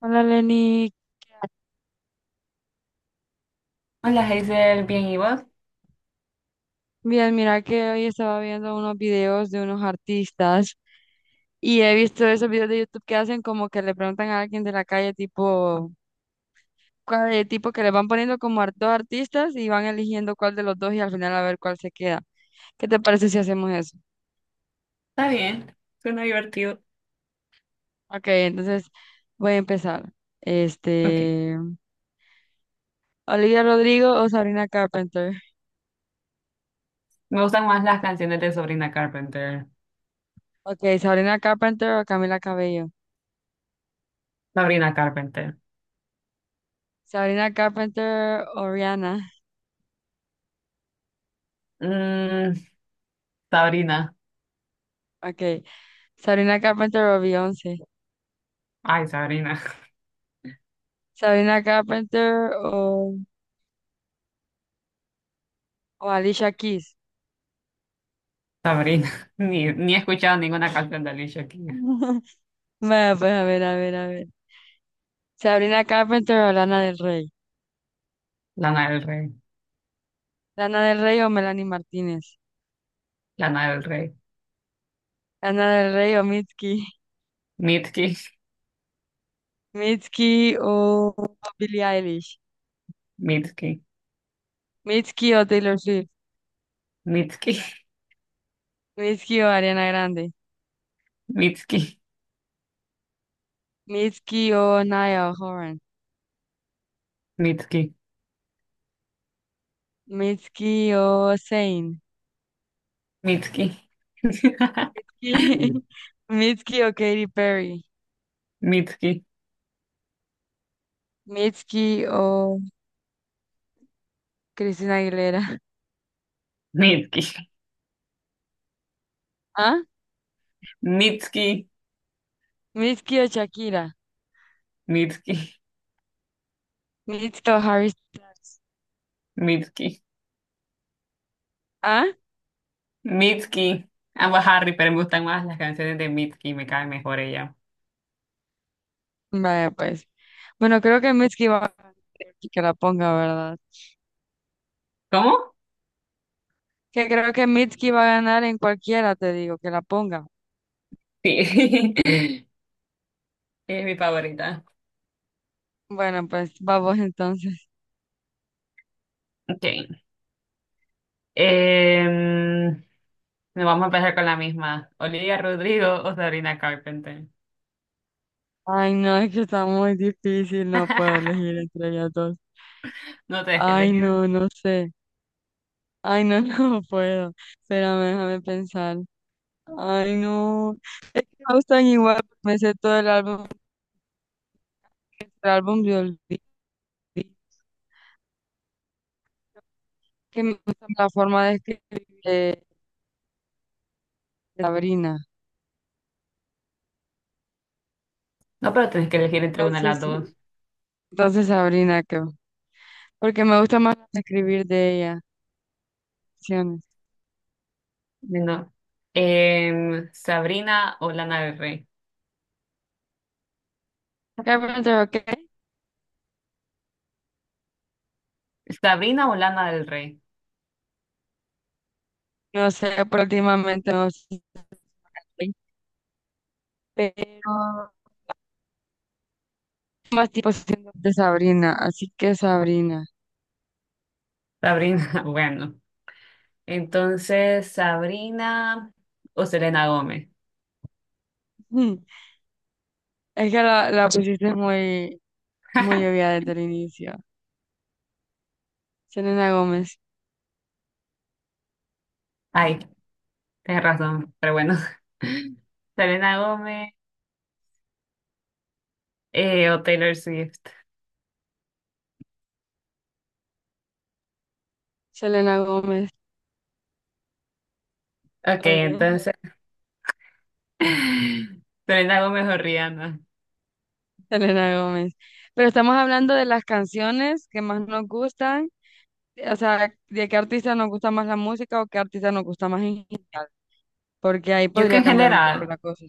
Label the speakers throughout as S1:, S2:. S1: Hola Lenny,
S2: Hola Hazel, bien, ¿y vos?
S1: bien, mira que hoy estaba viendo unos videos de unos artistas y he visto esos videos de YouTube que hacen como que le preguntan a alguien de la calle tipo, cuál de tipo que le van poniendo como dos artistas y van eligiendo cuál de los dos y al final a ver cuál se queda. ¿Qué te parece si hacemos eso?
S2: Está bien, suena divertido.
S1: Ok, entonces voy a empezar.
S2: Ok,
S1: Este, Olivia Rodrigo o Sabrina Carpenter.
S2: me gustan más las canciones de Sabrina Carpenter.
S1: Ok, Sabrina Carpenter o Camila Cabello.
S2: Sabrina Carpenter.
S1: Sabrina Carpenter o Rihanna.
S2: Mm, Sabrina.
S1: Ok. Sabrina Carpenter o Beyoncé.
S2: Ay, Sabrina.
S1: Sabrina Carpenter o Alicia Keys.
S2: Sabrina. Ni he escuchado ninguna canción de Alicia Keys.
S1: Bueno, pues a ver, a ver, a ver. Sabrina Carpenter o Lana del Rey.
S2: Lana del Rey.
S1: Lana del Rey o Melanie Martínez.
S2: Lana del Rey.
S1: Lana del Rey o Mitski.
S2: Mitski.
S1: Mitski o Billie Eilish.
S2: Mitski.
S1: Mitski o Taylor Swift.
S2: Mitski.
S1: Mitski o Ariana Grande.
S2: Mitski.
S1: Mitski o Niall Horan.
S2: Mitski.
S1: Mitski o Zayn.
S2: Mitski.
S1: Mitski o Katy Perry.
S2: Mitski.
S1: Mitski o Christina Aguilera.
S2: Mitski.
S1: ¿Ah?
S2: Mitski.
S1: Mitski o Shakira.
S2: Mitski.
S1: Mitski o Harry Styles.
S2: Mitski.
S1: ¿Ah?
S2: Mitski, ambos Harry, pero me gustan más las canciones de Mitski, me cae mejor ella.
S1: Vaya pues. Bueno, creo que Mitski va a ganar. Que la ponga, ¿verdad?
S2: ¿Cómo?
S1: Que creo que Mitski va a ganar en cualquiera, te digo, que la ponga.
S2: Sí, es mi favorita.
S1: Bueno, pues vamos entonces.
S2: Okay. Em, Nos vamos a empezar con la misma. Olivia Rodrigo o Sabrina Carpenter.
S1: Ay, no, es que está muy difícil, no puedo elegir entre ellas dos.
S2: No tenés que
S1: Ay,
S2: elegir.
S1: no, no sé. Ay, no, no puedo. Espérame, déjame pensar. Ay, no. Me gustan igual, me sé todo el álbum de Olvido, que me gusta la forma de escribir de Sabrina.
S2: No, pero tenés que elegir entre una de
S1: Entonces,
S2: las dos.
S1: entonces Sabrina creo. Porque me gusta más escribir de ella. Canciones.
S2: No. Sabrina o Lana del Rey.
S1: Carpenter, ok.
S2: Sabrina o Lana del Rey.
S1: No sé, pero últimamente no sé. Pero más tipo siento de Sabrina. Así que Sabrina.
S2: Sabrina, bueno. Entonces, Sabrina o Selena Gómez.
S1: Mm, es que la pusiste muy, muy obvia desde el inicio. Selena Gómez.
S2: Ay, tienes razón, pero bueno. Selena Gómez o Taylor Swift.
S1: Selena Gómez.
S2: Ok,
S1: Obvio.
S2: entonces. Selena Gómez o Rihanna.
S1: Selena Gómez. Pero estamos hablando de las canciones que más nos gustan, o sea, de qué artista nos gusta más la música o qué artista nos gusta más en general, porque ahí
S2: Yo que
S1: podría
S2: en
S1: cambiar un poco
S2: general,
S1: la cosa.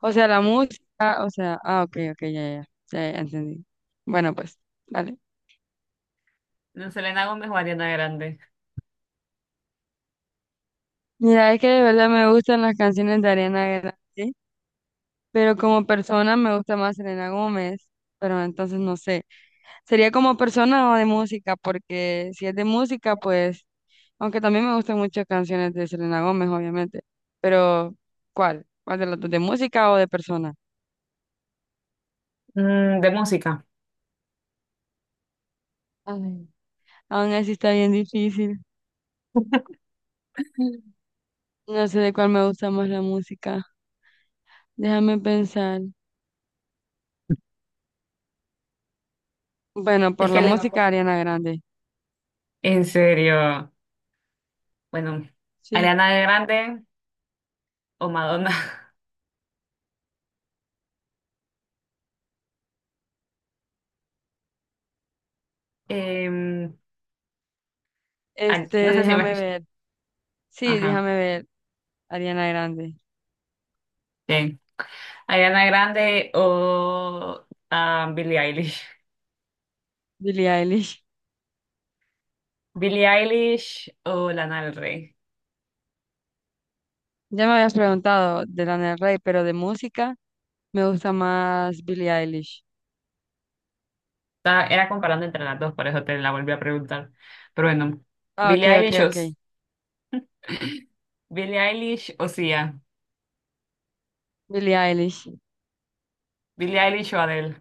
S1: O sea, la música, o sea, ah, ok, ok, ya, ya, ya, ya entendí. Bueno, pues, vale.
S2: no, Selena Gómez o Ariana Grande.
S1: Mira, es que de verdad me gustan las canciones de Ariana Grande, ¿sí? Pero como persona me gusta más Selena Gómez, pero entonces no sé. Sería como persona o de música, porque si es de música, pues, aunque también me gustan muchas canciones de Selena Gómez, obviamente, pero ¿cuál? ¿Cuál de las dos? ¿De música o de persona?
S2: Mm, de música.
S1: Ay, aún así está bien difícil. No sé de cuál me gusta más la música. Déjame pensar. Bueno, por
S2: Es
S1: la
S2: que le-
S1: música Ariana Grande.
S2: En serio. Bueno,
S1: Sí.
S2: Ariana Grande o Madonna. Em, no sé si me...
S1: Déjame ver. Sí,
S2: Ajá,
S1: déjame ver. Ariana Grande.
S2: bien. Ariana Grande o Billie Eilish.
S1: Billie Eilish.
S2: Billie Eilish o Lana del Rey.
S1: Ya me habías preguntado de Lana del Rey, pero de música me gusta más Billie Eilish.
S2: Era comparando entre las dos, por eso te la volví a preguntar. Pero bueno,
S1: Ah, ok,
S2: Billie
S1: ok,
S2: Eilish o,
S1: ok.
S2: Billie Eilish o Sia,
S1: Billie Eilish.
S2: Billie Eilish o Adele.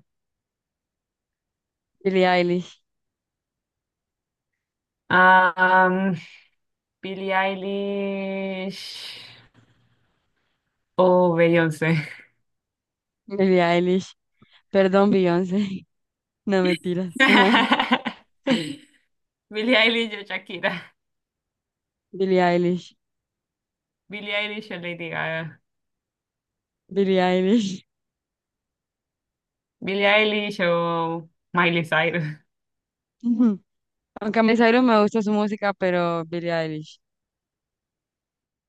S1: Billie Eilish.
S2: Ah, um, Billie Eilish o Beyoncé.
S1: Billie Eilish. Perdón, Beyoncé. No me tiras. Ajá.
S2: Billie Eilish o Shakira.
S1: Billie Eilish.
S2: Billie Eilish o Lady Gaga.
S1: Billie Eilish.
S2: Billie Eilish o Miley Cyrus.
S1: Aunque a mí Cyrus me gusta su música, pero Billie Eilish.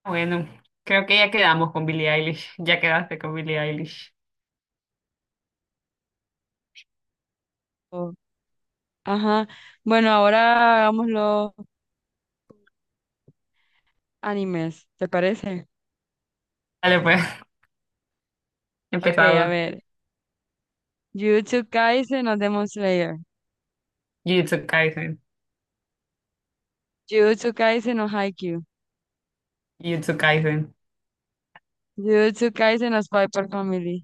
S2: Bueno, creo que ya quedamos con Billie Eilish. Ya quedaste con Billie Eilish.
S1: Oh, ajá. Bueno, ahora hagamos los animes, ¿te parece?
S2: Dale, pues,
S1: Ok, a
S2: empezamos.
S1: ver. Jujutsu Kaisen o Demon Slayer.
S2: Jujutsu Kaisen.
S1: Jujutsu Kaisen o Haikyuu.
S2: Jujutsu Kaisen.
S1: Jujutsu Kaisen o Spy x Family.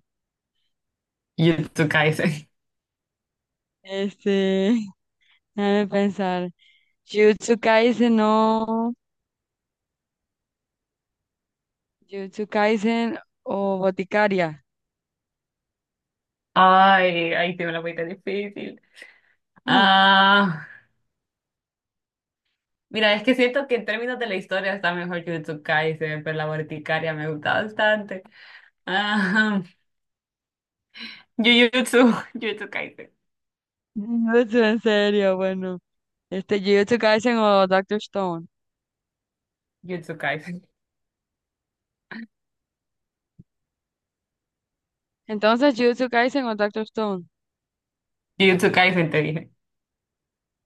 S2: Yutsukaisen.
S1: Este, déjame pensar. Jujutsu Kaisen o... Jujutsu Kaisen o Boticaria.
S2: Ay, ahí tiene una muy difícil. Ah, Mira, es que siento que en términos de la historia está mejor Jujutsu Kaisen, pero la verticaria me gusta bastante. Ah, Jujutsu, Jujutsu Kaisen,
S1: Jujutsu, en serio, bueno. Jujutsu Kaisen o Doctor Stone.
S2: Jujutsu Kaisen,
S1: Entonces, Jujutsu Kaisen o Doctor Stone.
S2: Jujutsu Kaisen te dije.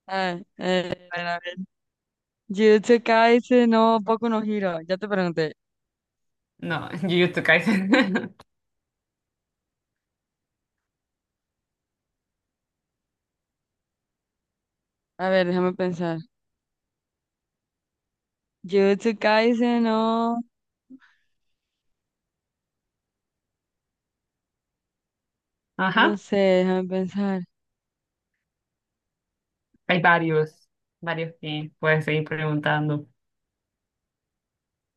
S1: Ah, a ver, a ver. Jujutsu Kaisen no Boku no Hero. Ya te pregunté.
S2: No, Jujutsu Kaisen.
S1: A ver, déjame pensar. Jujutsu Kaisen no... No
S2: Ajá,
S1: sé, déjame pensar.
S2: hay varios que puedes seguir preguntando.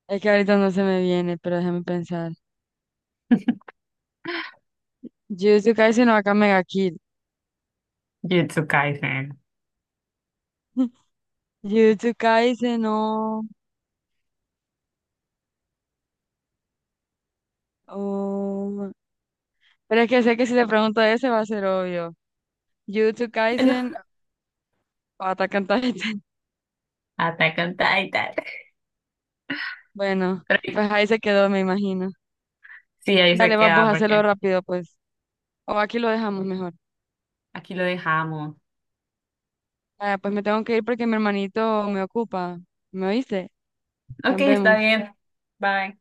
S1: Es que ahorita no se me viene, pero déjame pensar. Jujutsu Kaisen no acá Mega Kill.
S2: Jujutsu Kaisen.
S1: Jujutsu Kaisen no... Oh, pero es que sé que si te pregunto ese va a ser obvio. Jujutsu
S2: Bueno,
S1: Kaisen o Attack on Titan.
S2: Attack on Titan.
S1: Bueno,
S2: Pero
S1: pues ahí se quedó, me imagino.
S2: sí, ahí se
S1: Dale, vamos
S2: queda
S1: a hacerlo
S2: porque
S1: rápido, pues. O aquí lo dejamos mejor.
S2: aquí lo dejamos.
S1: Ah, pues me tengo que ir porque mi hermanito me ocupa. ¿Me oíste?
S2: Ok,
S1: Nos
S2: está
S1: vemos.
S2: bien. Bye.